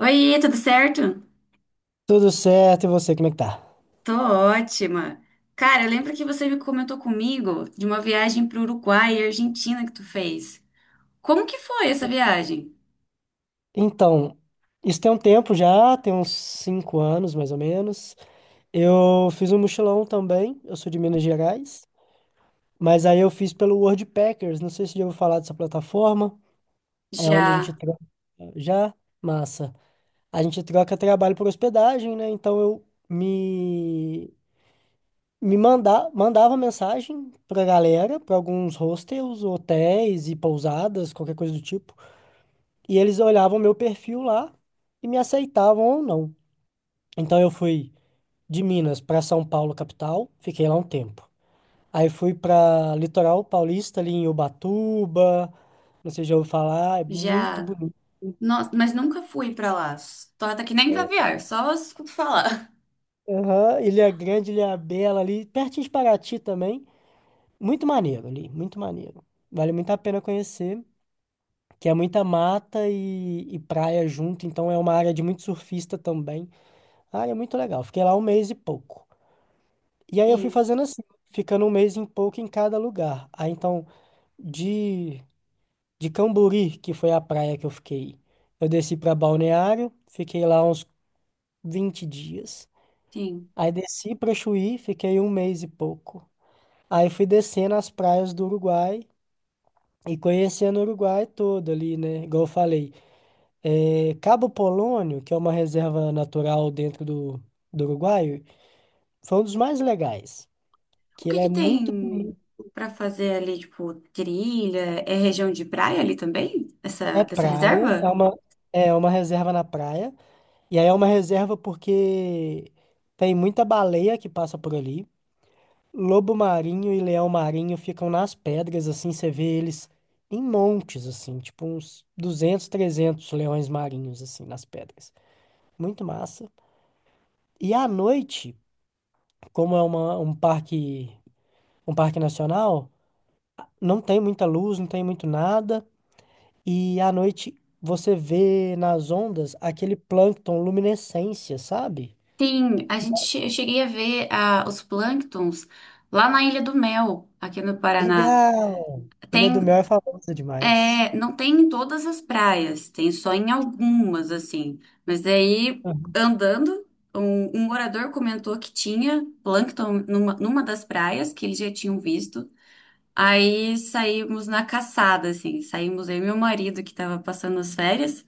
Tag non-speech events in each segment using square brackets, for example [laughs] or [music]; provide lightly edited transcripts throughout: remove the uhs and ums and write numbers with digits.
Oi, tudo certo? Tudo certo, e você, como é que tá? Tô ótima. Cara, lembra que você me comentou comigo de uma viagem pro Uruguai e Argentina que tu fez? Como que foi essa viagem? Então, isso tem um tempo já, tem uns 5 anos mais ou menos. Eu fiz um mochilão também, eu sou de Minas Gerais, mas aí eu fiz pelo Worldpackers, não sei se já ouviu falar dessa plataforma, é onde a gente Já, troca já, massa. A gente troca trabalho por hospedagem, né? Então eu mandava mensagem pra galera, pra alguns hostels, hotéis e pousadas, qualquer coisa do tipo. E eles olhavam meu perfil lá e me aceitavam ou não. Então eu fui de Minas para São Paulo, capital, fiquei lá um tempo. Aí fui para Litoral Paulista, ali em Ubatuba, não sei se já ouviu falar, é muito já. bonito. Nossa, mas nunca fui pra lá. Torta que nem É, caviar, só escuto falar. aham, Ilha Grande, Ilha Bela ali, pertinho de Paraty também. Muito maneiro ali, muito maneiro. Vale muito a pena conhecer, que é muita mata e praia junto, então é uma área de muito surfista também. Ah, é muito legal. Fiquei lá um mês e pouco. E [laughs] aí eu fui Sim, fazendo assim, ficando um mês em pouco em cada lugar. Aí então, de, de Cambori, que foi a praia que eu fiquei, eu desci para Balneário, fiquei lá uns 20 dias. sim. Aí desci para Chuí, fiquei um mês e pouco. Aí fui descendo as praias do Uruguai e conhecendo o Uruguai todo ali, né? Igual eu falei, é, Cabo Polônio, que é uma reserva natural dentro do Uruguai, foi um dos mais legais, O que que ele é que tem muito bonito. pra fazer ali, tipo, trilha? É região de praia ali também? É Essa praia, é reserva? uma, é uma reserva na praia. E aí é uma reserva porque tem muita baleia que passa por ali. Lobo marinho e leão marinho ficam nas pedras, assim, você vê eles em montes, assim, tipo uns 200, 300 leões marinhos, assim, nas pedras. Muito massa. E à noite, como um parque nacional, não tem muita luz, não tem muito nada. E à noite você vê nas ondas aquele plâncton luminescência, sabe? Sim, eu cheguei a ver os plânctons lá na Ilha do Mel, aqui no Paraná. Legal! Ele Tem, é do Mel é famosa demais. Não tem em todas as praias, tem só em algumas, assim. Mas daí, Aham. andando, um morador comentou que tinha plâncton numa das praias que eles já tinham visto. Aí saímos na caçada, assim, saímos eu e meu marido, que estava passando as férias,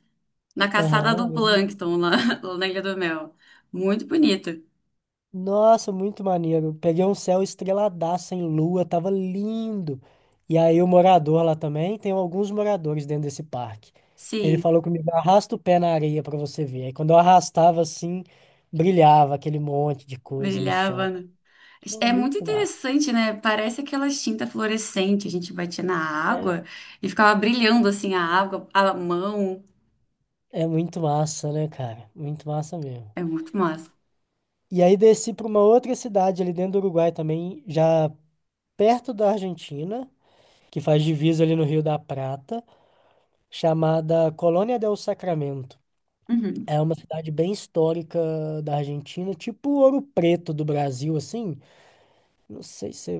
na caçada do Aham. plâncton lá, [laughs] lá na Ilha do Mel. Muito bonito, Nossa, muito maneiro. Peguei um céu estreladaço em lua, tava lindo. E aí o morador lá também, tem alguns moradores dentro desse parque. Ele sim. falou comigo, arrasta o pé na areia pra você ver. Aí quando eu arrastava assim, brilhava aquele monte de coisa no Brilhava, chão. né? Pô, É muito muito massa. interessante, né? Parece aquela tinta fluorescente. A gente batia na É. água e ficava brilhando assim a água, a mão. É muito massa, né, cara? Muito massa mesmo. É muito massa. E aí desci para uma outra cidade ali dentro do Uruguai também, já perto da Argentina, que faz divisa ali no Rio da Prata, chamada Colônia del Sacramento. Uhum. É uma cidade bem histórica da Argentina, tipo Ouro Preto do Brasil, assim. Não sei se...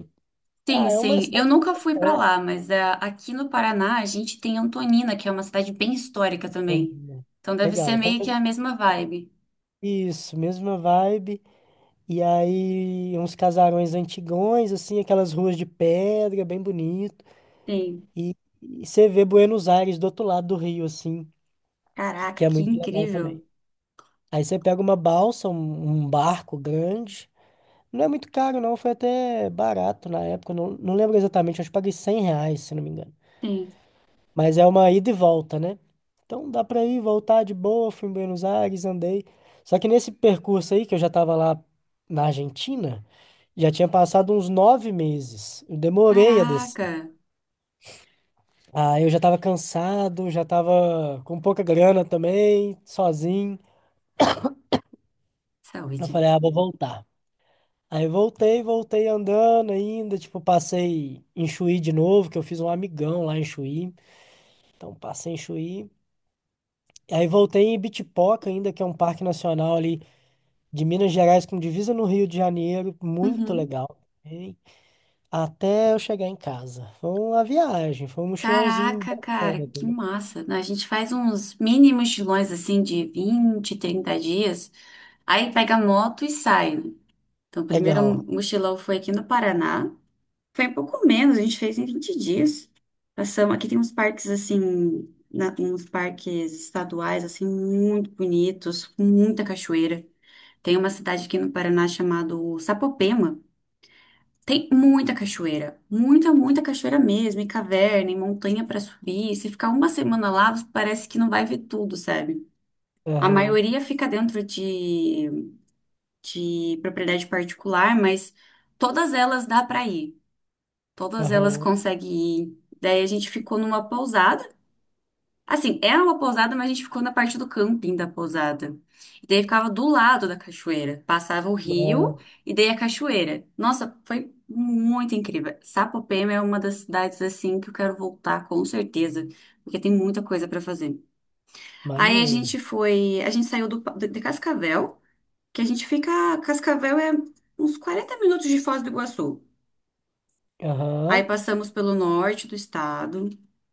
é, Sim, ah, é uma sim. Eu cidade nunca fui pra lá, mas é, aqui no Paraná a gente tem Antonina, que é uma cidade bem histórica grande, também. né? Então deve Legal, ser então meio que a mesma vibe. isso, mesma vibe. E aí uns casarões antigões, assim, aquelas ruas de pedra, bem bonito. Sim. E, e você vê Buenos Aires do outro lado do rio, assim, Caraca, que é que muito legal também. incrível. Aí você pega uma balsa, um barco grande. Não é muito caro, não. Foi até barato na época. Não, não lembro exatamente, acho que paguei R$ 100, se não me engano. Sim. Mas é uma ida e volta, né? Então dá pra ir, voltar de boa. Fui em Buenos Aires, andei. Só que nesse percurso aí, que eu já tava lá na Argentina, já tinha passado uns 9 meses. Eu demorei a Caraca. descer. Aí eu já tava cansado, já tava com pouca grana também, sozinho. Eu Saúde. falei, ah, vou voltar. Aí voltei, voltei andando ainda, tipo, passei em Chuí de novo, que eu fiz um amigão lá em Chuí. Então passei em Chuí. Aí voltei em Ibitipoca ainda, que é um parque nacional ali de Minas Gerais com divisa no Rio de Janeiro, muito Uhum. legal. Hein? Até eu chegar em casa. Foi uma viagem, foi um mochilãozinho Caraca, cara, bacana que também. massa, né? A gente faz uns mini mochilões assim de 20, 30 dias, aí pega a moto e sai, né? Então, o primeiro Legal. mochilão foi aqui no Paraná. Foi um pouco menos, a gente fez em 20 dias. Passamos, aqui tem uns parques assim, uns parques estaduais assim muito bonitos, com muita cachoeira. Tem uma cidade aqui no Paraná chamada Sapopema. Tem muita cachoeira, muita, muita cachoeira mesmo, e caverna, e montanha para subir. Se ficar uma semana lá, parece que não vai ver tudo, sabe? A Aham, maioria fica dentro de propriedade particular, mas todas elas dá para ir, todas elas aham. conseguem ir. Daí a gente ficou numa pousada. Assim, era uma pousada, mas a gente ficou na parte do camping da pousada. E daí ficava do lado da cachoeira. Passava o rio Nossa. e daí a cachoeira. Nossa, foi muito incrível. Sapopema é uma das cidades assim que eu quero voltar com certeza, porque tem muita coisa pra fazer. Aí a gente Maneiro. foi, a gente saiu de Cascavel, que a gente fica, Cascavel é uns 40 minutos de Foz do Iguaçu. Aí Aham. passamos pelo norte do estado.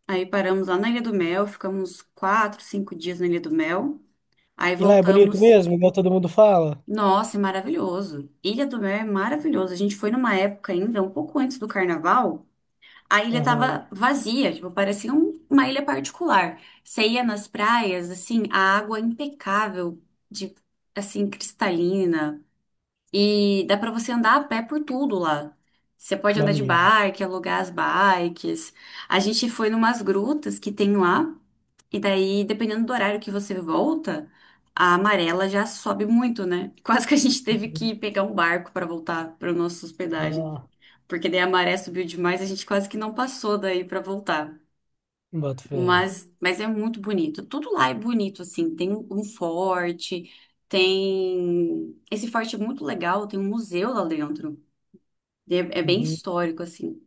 Aí paramos lá na Ilha do Mel, ficamos 4, 5 dias na Ilha do Mel. Aí E lá é bonito voltamos. mesmo, igual todo mundo fala? Nossa, é maravilhoso. Ilha do Mel é maravilhoso. A gente foi numa época ainda, um pouco antes do carnaval, a ilha Aham. tava vazia, tipo, parecia uma ilha particular. Você ia nas praias, assim, a água é impecável, de, assim, cristalina. E dá pra você andar a pé por tudo lá. Você pode andar de Maneiro. bike, alugar as bikes. A gente foi numas grutas que tem lá, e daí, dependendo do horário que você volta, a amarela já sobe muito, né? [laughs] Quase que a gente teve Uhum. que pegar um barco pra voltar para nossa hospedagem, Ah, porque daí a maré subiu demais, a gente quase que não passou daí pra voltar. boto fé. Mas é muito bonito. Tudo lá é bonito, assim. Tem um forte, tem. Esse forte é muito legal, tem um museu lá dentro. É, é bem Uhum. histórico, assim.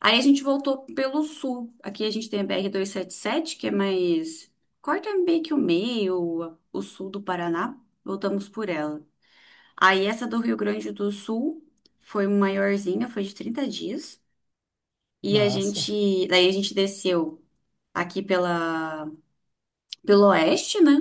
Aí a gente voltou pelo sul. Aqui a gente tem a BR-277, que é mais. Corta meio que o meio, o sul do Paraná. Voltamos por ela. Aí essa do Rio Grande do Sul foi maiorzinha, foi de 30 dias. E a Massa. gente. Daí a gente desceu aqui pela, pelo oeste, né?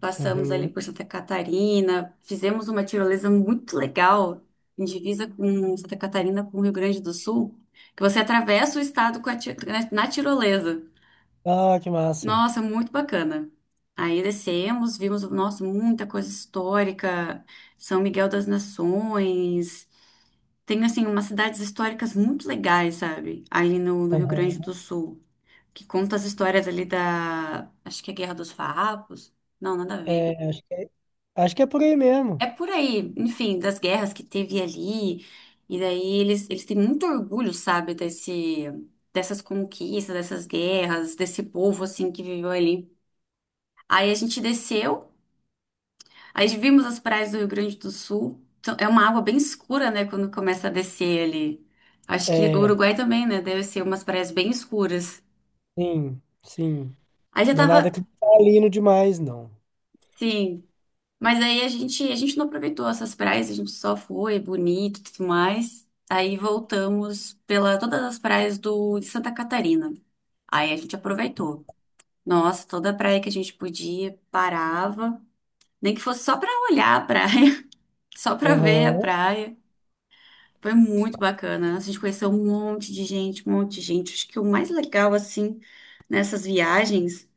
Passamos ali Uhum. por Santa Catarina, fizemos uma tirolesa muito legal, em divisa com Santa Catarina, com o Rio Grande do Sul, que você atravessa o estado com a ti- na na tirolesa. Ah, que massa. Nossa, muito bacana. Aí descemos, vimos, nossa, muita coisa histórica, São Miguel das Nações. Tem, assim, umas cidades históricas muito legais, sabe? Ali no, no Rio Aham. Grande do Sul, que conta as histórias ali da, acho que é Guerra dos Farrapos. Não, nada a ver. É, acho que é por aí É mesmo. por aí, enfim, das guerras que teve ali. E daí eles têm muito orgulho, sabe, dessas conquistas, dessas guerras, desse povo, assim, que viveu ali. Aí a gente desceu, aí vimos as praias do Rio Grande do Sul. Então, é uma água bem escura, né, quando começa a descer ali. Acho que o É, Uruguai também, né, deve ser umas praias bem escuras. sim, sim. Aí já Não é nada tava, cristalino demais, não. sim. Mas aí a gente não aproveitou essas praias, a gente só foi, é bonito e tudo mais. Aí voltamos pela todas as praias do, de Santa Catarina. Aí a gente aproveitou. Nossa, toda praia que a gente podia, parava. Nem que fosse só pra olhar a praia, [laughs] só pra ver a Aham. praia. Foi muito bacana. A gente conheceu um monte de gente, um monte de gente. Acho que o mais legal, assim, nessas viagens.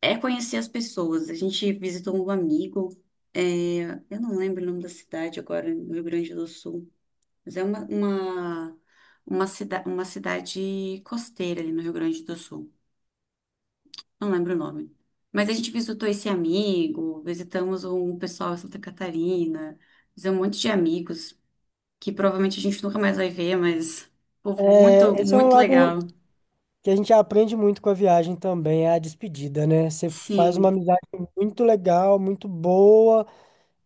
É conhecer as pessoas. A gente visitou um amigo, é, eu não lembro o nome da cidade agora, no Rio Grande do Sul, mas é uma cidade costeira ali no Rio Grande do Sul. Não lembro o nome. Mas a gente visitou esse amigo, visitamos um pessoal em Santa Catarina, fizemos um monte de amigos que provavelmente a gente nunca mais vai ver, mas povo muito, É, esse é um muito legal. lado que a gente aprende muito com a viagem também, é a despedida, né? Você faz uma Sim, amizade muito legal, muito boa.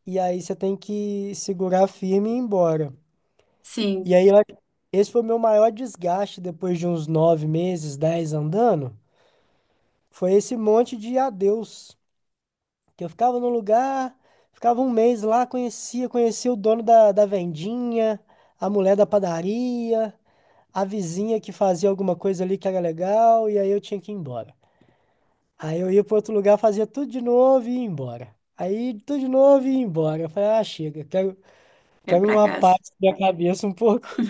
E aí você tem que segurar firme e ir embora. sim, E aí, esse foi o meu maior desgaste depois de uns 9 meses, dez andando. Foi esse monte de adeus. Que eu ficava no lugar, ficava um mês lá, conhecia o dono da vendinha, a mulher da padaria, a vizinha que fazia alguma coisa ali que era legal, e aí eu tinha que ir embora. Aí eu ia para outro lugar, fazia tudo de novo e ia embora. Aí tudo de novo e ia embora. Eu falei, ah, chega, quero. é Quebra pra uma cá. parte da minha cabeça um pouco.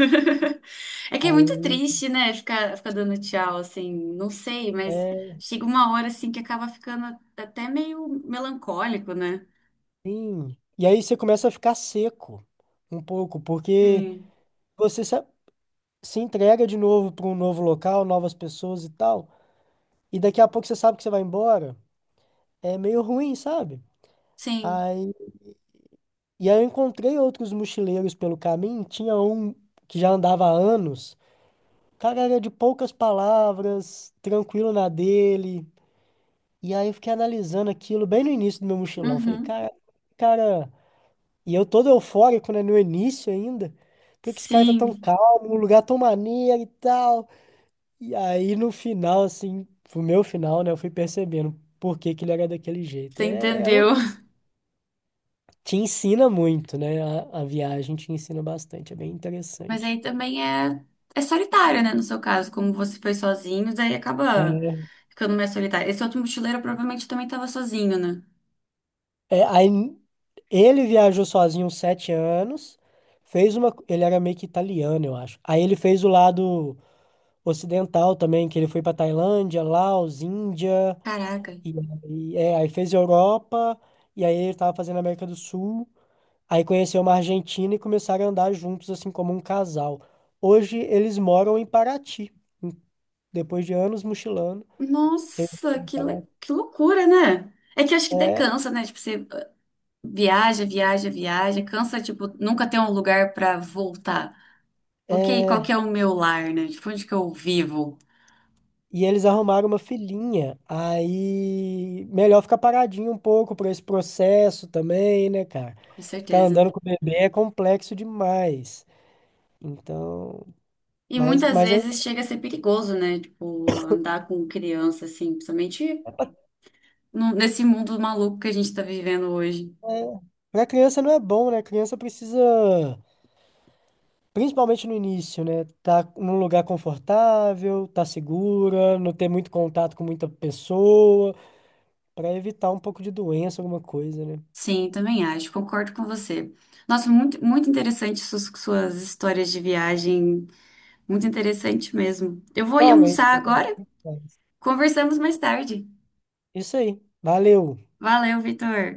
É que é muito Aí triste, né? Ficar dando tchau, assim, não sei, mas é. chega uma hora, assim, que acaba ficando até meio melancólico, né? Sim. E aí você começa a ficar seco um pouco, porque Sim, você se entrega de novo para um novo local, novas pessoas e tal. E daqui a pouco você sabe que você vai embora. É meio ruim, sabe? sim, Aí, e aí eu encontrei outros mochileiros pelo caminho. Tinha um que já andava há anos. O cara era de poucas palavras, tranquilo na dele. E aí eu fiquei analisando aquilo bem no início do meu mochilão. Falei, uhum, cara, cara. E eu todo eufórico, né? No início ainda. Por que que esse cara tá tão sim, calmo? Um lugar tão maneiro e tal. E aí no final, assim, pro meu final, né? Eu fui percebendo por que que ele era daquele jeito. você É, é entendeu. louco. [laughs] Te ensina muito, né? A viagem te ensina bastante. É bem Mas interessante. aí também é solitário, né? No seu caso, como você foi sozinho, daí acaba É, ficando mais solitário. Esse outro mochileiro provavelmente também estava sozinho, né? Aí ele viajou sozinho uns 7 anos. Fez uma. Ele era meio que italiano, eu acho. Aí ele fez o lado ocidental também, que ele foi pra Tailândia, Laos, Índia. Caraca. E aí, aí fez Europa, e aí ele tava fazendo América do Sul, aí conheceu uma Argentina e começaram a andar juntos, assim, como um casal. Hoje eles moram em Paraty, em- depois de anos mochilando. Eles Nossa, moram em Paraty. que loucura, né? É que eu acho que daí É, cansa, né? Tipo, você viaja, viaja, viaja, cansa, tipo, nunca ter um lugar pra voltar. Porque qual que é, é o meu lar, né? Tipo, onde que eu vivo? e eles arrumaram uma filhinha, aí melhor ficar paradinho um pouco para esse processo também, né, cara? Com Ficar certeza. andando com o bebê é complexo demais. Então, E mas, muitas mas é. vezes chega a ser perigoso, né? Tipo, andar com criança, assim, principalmente nesse mundo maluco que a gente tá vivendo hoje. É, para criança não é bom, né? Criança precisa, principalmente no início, né? Tá num lugar confortável, tá segura, não ter muito contato com muita pessoa, para evitar um pouco de doença, alguma coisa, né? Sim, também acho, concordo com você. Nossa, muito, muito interessante suas histórias de viagem, muito interessante mesmo. Eu vou ir almoçar Realmente. agora, conversamos mais tarde. Isso aí. Valeu. Valeu, Vitor.